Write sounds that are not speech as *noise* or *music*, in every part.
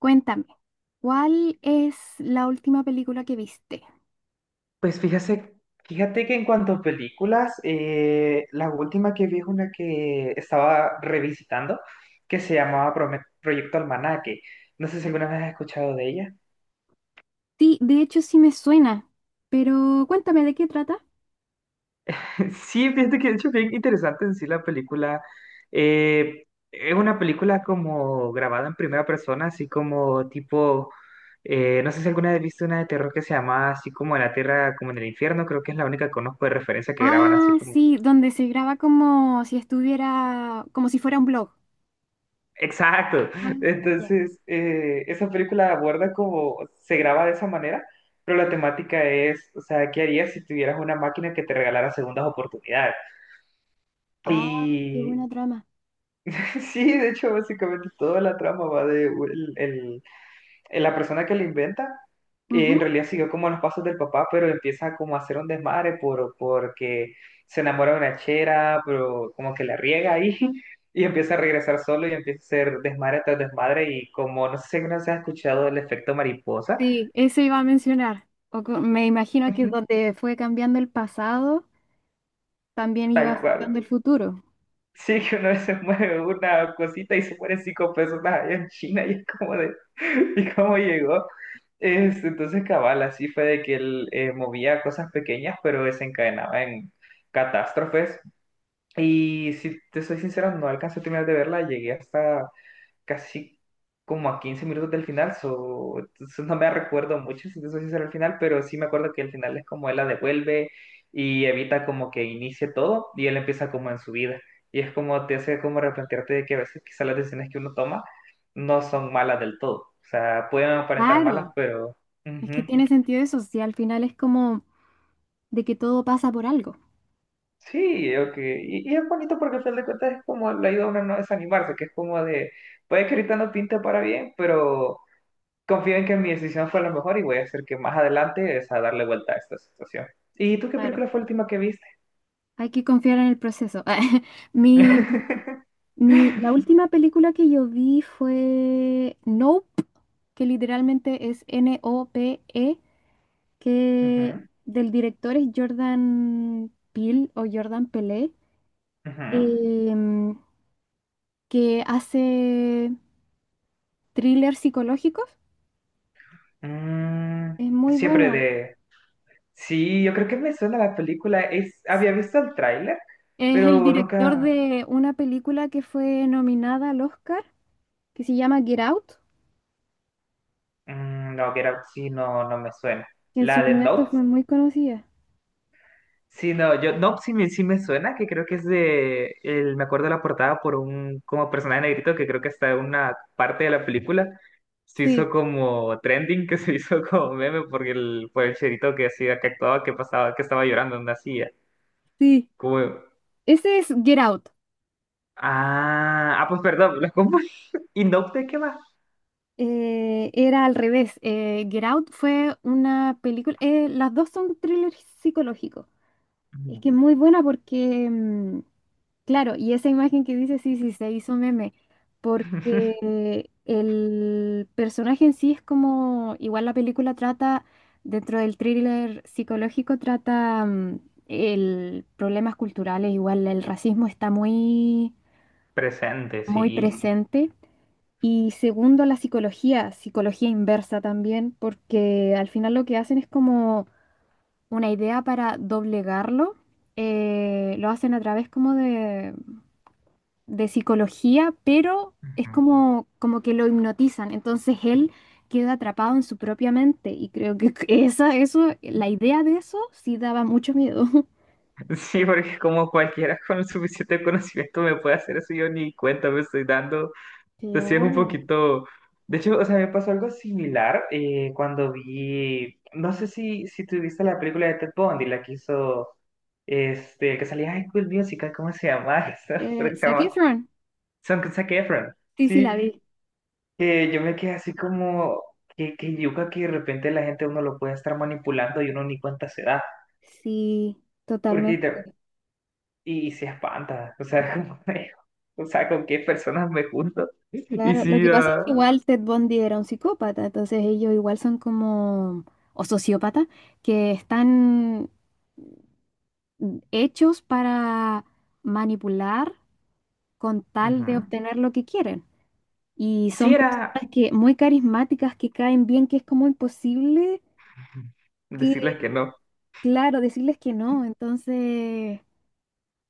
Cuéntame, ¿cuál es la última película que viste? Pues fíjate, que en cuanto a películas, la última que vi es una que estaba revisitando, que se llamaba Proyecto Almanaque. No sé si alguna vez has escuchado de ella. Sí, de hecho sí me suena, pero cuéntame de qué trata. *laughs* Sí, fíjate que de hecho bien interesante en sí la película. Eh, es una película como grabada en primera persona, así como tipo, no sé si alguna vez has visto una de terror que se llama así como en la tierra, como en el infierno, creo que es la única que conozco de referencia que graban así Ah, como... sí, donde se graba como si estuviera, como si fuera un blog. Exacto. Ah, ya. Entonces, esa película aborda como se graba de esa manera, pero la temática es, o sea, ¿qué harías si tuvieras una máquina que te regalara segundas oportunidades? Ah, qué Y buena trama. *laughs* sí, de hecho, básicamente toda la trama va la persona que lo inventa. En Ujú. realidad siguió como los pasos del papá, pero empieza como a hacer un desmadre porque se enamora de una chera, pero como que la riega ahí. *laughs* Y empieza a regresar solo y empieza a hacer desmadre tras desmadre y como no sé si alguna vez has escuchado el efecto mariposa. Sí, eso iba a mencionar. Me imagino que *laughs* donde fue cambiando el pasado, también iba Tal cual. afectando el futuro. Sí, que una vez se mueve una cosita y se mueren cinco personas allá en China y es como de, *laughs* ¿y cómo llegó? Este, entonces cabal, así fue de que él movía cosas pequeñas pero desencadenaba en catástrofes, y si te soy sincero no alcancé a terminar de verla, llegué hasta casi como a 15 minutos del final, so, entonces no me recuerdo mucho si te soy sincero al final, pero sí me acuerdo que el final es como él la devuelve y evita como que inicie todo y él empieza como en su vida. Y es como te hace como replantearte de que a veces quizás las decisiones que uno toma no son malas del todo. O sea, pueden aparentar malas, Claro, pero... es que ujú. tiene sentido eso, si al final es como de que todo pasa por algo. Sí, ok. Y es bonito porque al final de cuentas es como le ayuda a uno a no desanimarse, que es como de, puede que ahorita no pinte para bien, pero confío en que mi decisión fue la mejor y voy a hacer que más adelante es a darle vuelta a esta situación. ¿Y tú qué Claro. película fue la última que viste? Hay que confiar en el proceso. *laughs* Mi, *laughs* mi, la última película que yo vi fue Nope, que literalmente es N-O-P-E, que Ujú, del director es Jordan Peele o Jordan Pelé, ujú. em, que hace thrillers psicológicos. Mm, Es muy siempre bueno. de... Sí, yo creo que me suena la película. Es... había visto el tráiler, Es el pero director nunca... de una película que fue nominada al Oscar, que se llama Get Out, Mm, no, que era... Sí, no, no me suena. que en su La de momento Nope. fue muy conocida. Sí, no, yo, no, sí me suena, que creo que es de, el, me acuerdo de la portada por un, como personaje negrito, que creo que está en una parte de la película, se hizo Sí, como trending, que se *laughs* hizo como meme, porque el, por el cherito que hacía, que actuaba, que pasaba, que estaba llorando, no hacía, sí. como, Ese es Get Out. Ah, pues perdón, lo confundí. *laughs* ¿Y Nope de qué va? Era al revés. Get Out fue una película. Las dos son thrillers psicológicos. Es Ujú. que es muy buena porque, claro, y esa imagen que dice, sí, sí, se hizo meme. *laughs* Porque el personaje en sí es como. Igual la película trata, dentro del thriller psicológico, trata el problemas culturales. Igual el racismo está muy, Presente, muy sí. presente. Y segundo, la psicología, psicología inversa también, porque al final lo que hacen es como una idea para doblegarlo. Lo hacen a través como de psicología, pero es Ujú. como, como que lo hipnotizan. Entonces él queda atrapado en su propia mente. Y creo que *laughs* esa, eso, la idea de eso sí daba mucho miedo. *laughs* Sí, porque como cualquiera con el suficiente conocimiento me puede hacer eso, yo ni cuenta me estoy dando. Entonces sí es un Claro. poquito... De hecho, o sea, me pasó algo similar cuando vi... No sé si tú viste la película de Ted Bundy, la que hizo... Este, que salía High School Musical, ¿cómo se llama? *laughs* Esa, creo que se Zac llama... Efron. Son con Zac Efron. Sí, sí, Sí, la vi. que yo me quedé así como... que yuca que de repente la gente uno lo puede estar manipulando y uno ni cuenta se da. Sí, Porque te- totalmente. Y se espanta, o sea, *laughs* como de, o sea, con qué personas me junto. Y Claro, lo sí, que pasa es ah, que igual Ted Bundy era un psicópata, entonces ellos igual son como, o sociópatas, que están hechos para manipular con tal de ujú. obtener lo que quieren. Y Sí son era personas que muy carismáticas, que caen bien, que es como imposible que, decirles que no. claro, decirles que no. Entonces,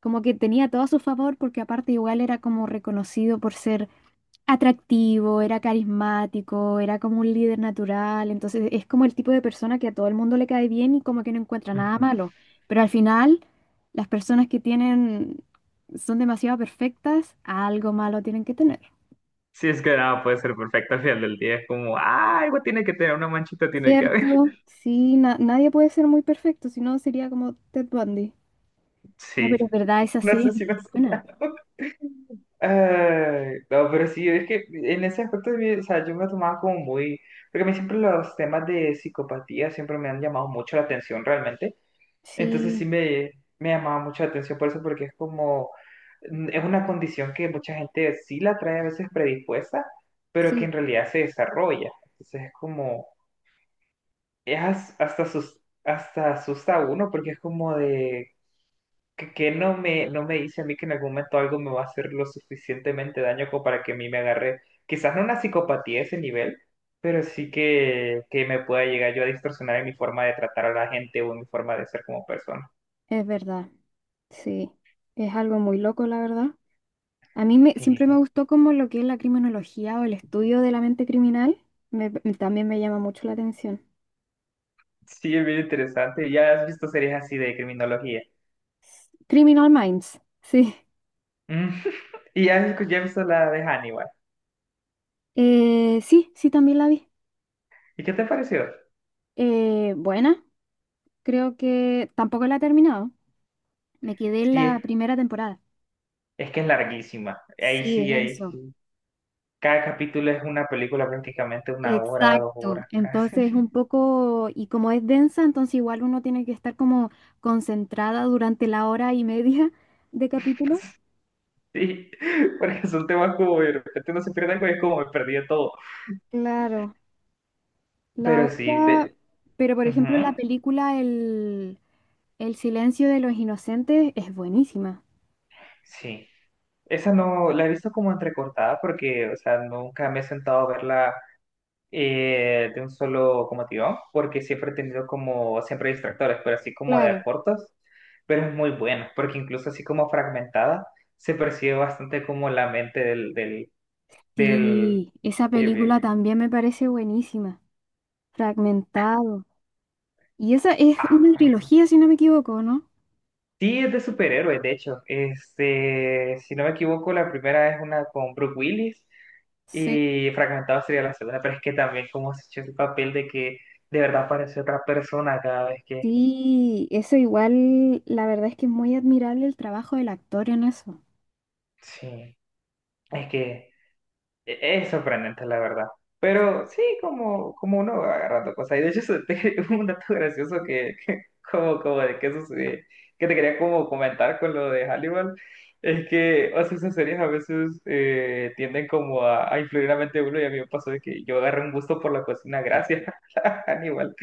como que tenía todo a su favor, porque aparte igual era como reconocido por ser atractivo, era carismático, era como un líder natural, entonces es como el tipo de persona que a todo el mundo le cae bien y como que no encuentra nada Ujú. malo, pero al final las personas que tienen son demasiado perfectas, algo malo tienen que tener. Sí, es que nada puede ser perfecto al final del día. Es como, ah, algo tiene que tener, una manchita tiene que haber. *laughs* Cierto, sí, nadie puede ser muy perfecto, si no sería como Ted Bundy. No, pero Sí, es verdad, esa no serie sé es muy si no sé. buena. *laughs* Ay, no, pero sí, es que en ese aspecto de mí, o sea, yo me tomaba como muy, porque a mí siempre los temas de psicopatía siempre me han llamado mucho la atención realmente. Entonces sí Sí, me llamaba mucho la atención por eso, porque es como, mm, es una condición que mucha gente sí la trae a veces predispuesta, pero que sí, en realidad se desarrolla. Entonces es como, es hasta, sus, hasta asusta a uno, porque es como de, que no me dice a mí que en algún momento algo me va a hacer lo suficientemente daño como para que a mí me agarre, quizás no una psicopatía a ese nivel, pero sí que me pueda llegar yo a distorsionar en mi forma de tratar a la gente o en mi forma de ser como persona. es verdad, sí. Es algo muy loco, la verdad. A mí me, Sí. siempre me gustó como lo que es la criminología o el estudio de la mente criminal. También me llama mucho la atención. Sí, es bien interesante. ¿Ya has visto series así de criminología? Criminal Minds, sí. Mm. *laughs* ¿Y ya has, ya has visto la de Hannibal? Sí, sí, también la vi. ¿Y qué te pareció? Buena, creo que tampoco la he terminado. Me quedé en Sí, la primera temporada. es que es larguísima. Ahí Sí, es sí, ahí eso. sí. Cada capítulo es una película prácticamente una hora, dos Exacto. horas casi. Entonces es un *laughs* poco, y como es densa, entonces igual uno tiene que estar como concentrada durante la hora y media de capítulo. Sí, porque son temas como de repente no se pierde algo y es como me perdí de todo. Claro. La Pero sí, otra, de... pero por ejemplo la ujú, película El silencio de los inocentes es buenísima. sí. Esa no, la he visto como entrecortada porque, o sea, nunca me he sentado a verla de un solo como tirón, porque siempre he tenido como, siempre distractores, pero así como de a Claro. cortos, pero es muy bueno, porque incluso así como fragmentada, se percibe bastante como la mente del, Sí, esa bien, película también me parece buenísima. Fragmentado. Y esa es una ah, trilogía, si no me equivoco, ¿no? sí es de superhéroes, de hecho, este, si no me equivoco, la primera es una con Brooke Willis, Sí, y fragmentado sería la segunda, pero es que también como se echó el papel de que de verdad parece otra persona cada vez que... sí, eso igual, la verdad es que es muy admirable el trabajo del actor en eso. Sí, es que E- es sorprendente, la verdad. Pero sí, como, como uno va agarrando cosas. Y de hecho, eso te- *laughs* un dato gracioso como, como de que eso se- que te quería como comentar con lo de Hannibal, es que, o sea, esas series a veces tienden como a influir la mente de uno y a mí me pasó de que yo agarré un gusto por la cocina gracias *laughs* a Hannibal,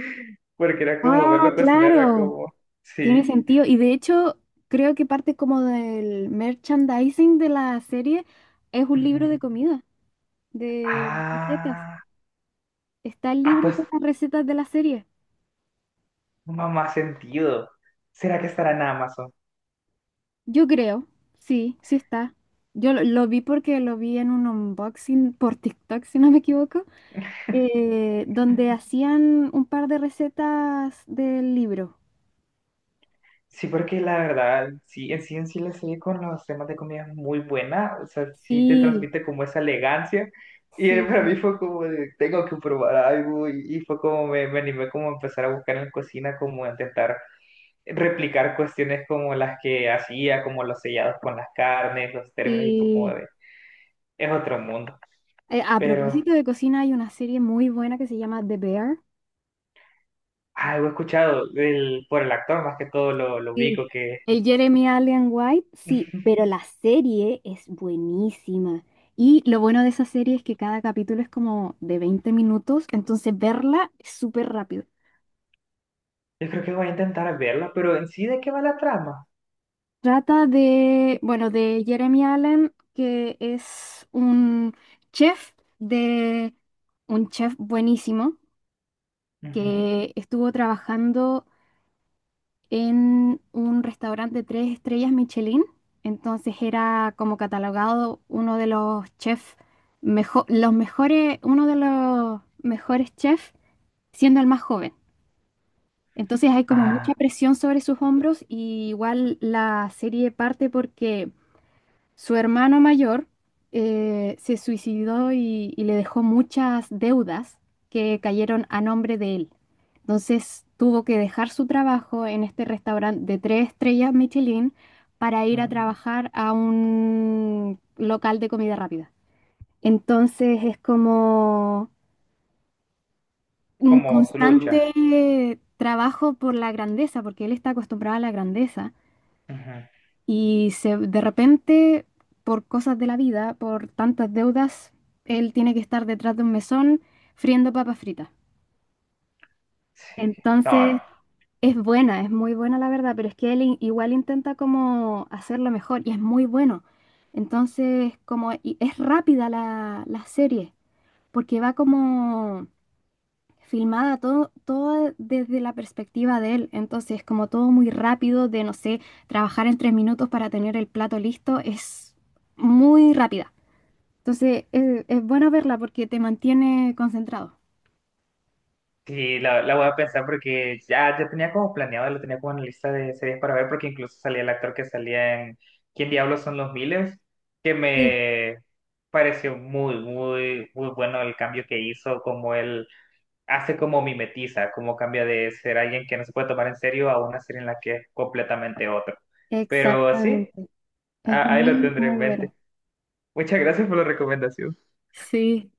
porque era como Ah, verlo cocinar, era claro, como, tiene sí. sentido. Y de hecho, creo que parte como del merchandising de la serie es un libro Ujú. de comida. De recetas. Ah, ¿Está el ah, libro pues, con las recetas de la serie? no más sentido. ¿Será que estará en Amazon? Yo creo, sí, sí está. Yo lo vi porque lo vi en un unboxing por TikTok, si no me equivoco, donde hacían un par de recetas del libro. Sí, porque la verdad, sí, en sí en sí la serie con los temas de comida es muy buena, o sea, sí te Sí, transmite como esa elegancia, y para sí, mí fue como de, tengo que probar algo, y fue como me animé como a empezar a buscar en la cocina, como a intentar replicar cuestiones como las que hacía, como los sellados con las carnes, los términos, y fue como sí. de, es otro mundo, A pero propósito de cocina, hay una serie muy buena que se llama The Bear. algo he escuchado del, por el actor, más que todo lo ubico, Sí, que el Jeremy Allen White, *laughs* yo sí, pero la serie es buenísima. Y lo bueno de esa serie es que cada capítulo es como de 20 minutos, entonces verla es súper rápido. creo que voy a intentar verla, pero en sí, ¿de qué va la trama? Trata de, bueno, de Jeremy Allen, que es un chef de un chef buenísimo Ujú. que estuvo trabajando en un restaurante de tres estrellas Michelin. Entonces era como catalogado uno de los chefs los mejores, uno de los mejores chefs siendo el más joven. Entonces hay como mucha Ah, presión sobre sus hombros y igual la serie parte porque su hermano mayor se suicidó y le dejó muchas deudas que cayeron a nombre de él. Entonces tuvo que dejar su trabajo en este restaurante de tres estrellas Michelin para ir a ujú, trabajar a un local de comida rápida. Entonces es como un como su lucha. constante trabajo por la grandeza, porque él está acostumbrado a la grandeza. Ujú, Y se, de repente, por cosas de la vida, por tantas deudas, él tiene que estar detrás de un mesón friendo papas fritas. sí, no, Entonces, es buena, es muy buena la verdad, pero es que él igual intenta como hacerlo mejor y es muy bueno. Entonces, como y es rápida la serie, porque va como filmada todo desde la perspectiva de él. Entonces, como todo muy rápido, de no sé, trabajar en 3 minutos para tener el plato listo, es muy rápida. Entonces, es bueno verla porque te mantiene concentrado. sí, la voy a pensar porque ya, ya tenía como planeado, lo tenía como en la lista de series para ver, porque incluso salía el actor que salía en ¿Quién diablos son los Millers? Que Sí. me pareció muy, muy, muy bueno el cambio que hizo, como él hace como mimetiza, como cambia de ser alguien que no se puede tomar en serio a una serie en la que es completamente otro. Pero sí, Exactamente. Es ahí lo muy, tendré en muy bueno. mente. Muchas gracias por la recomendación. Sí.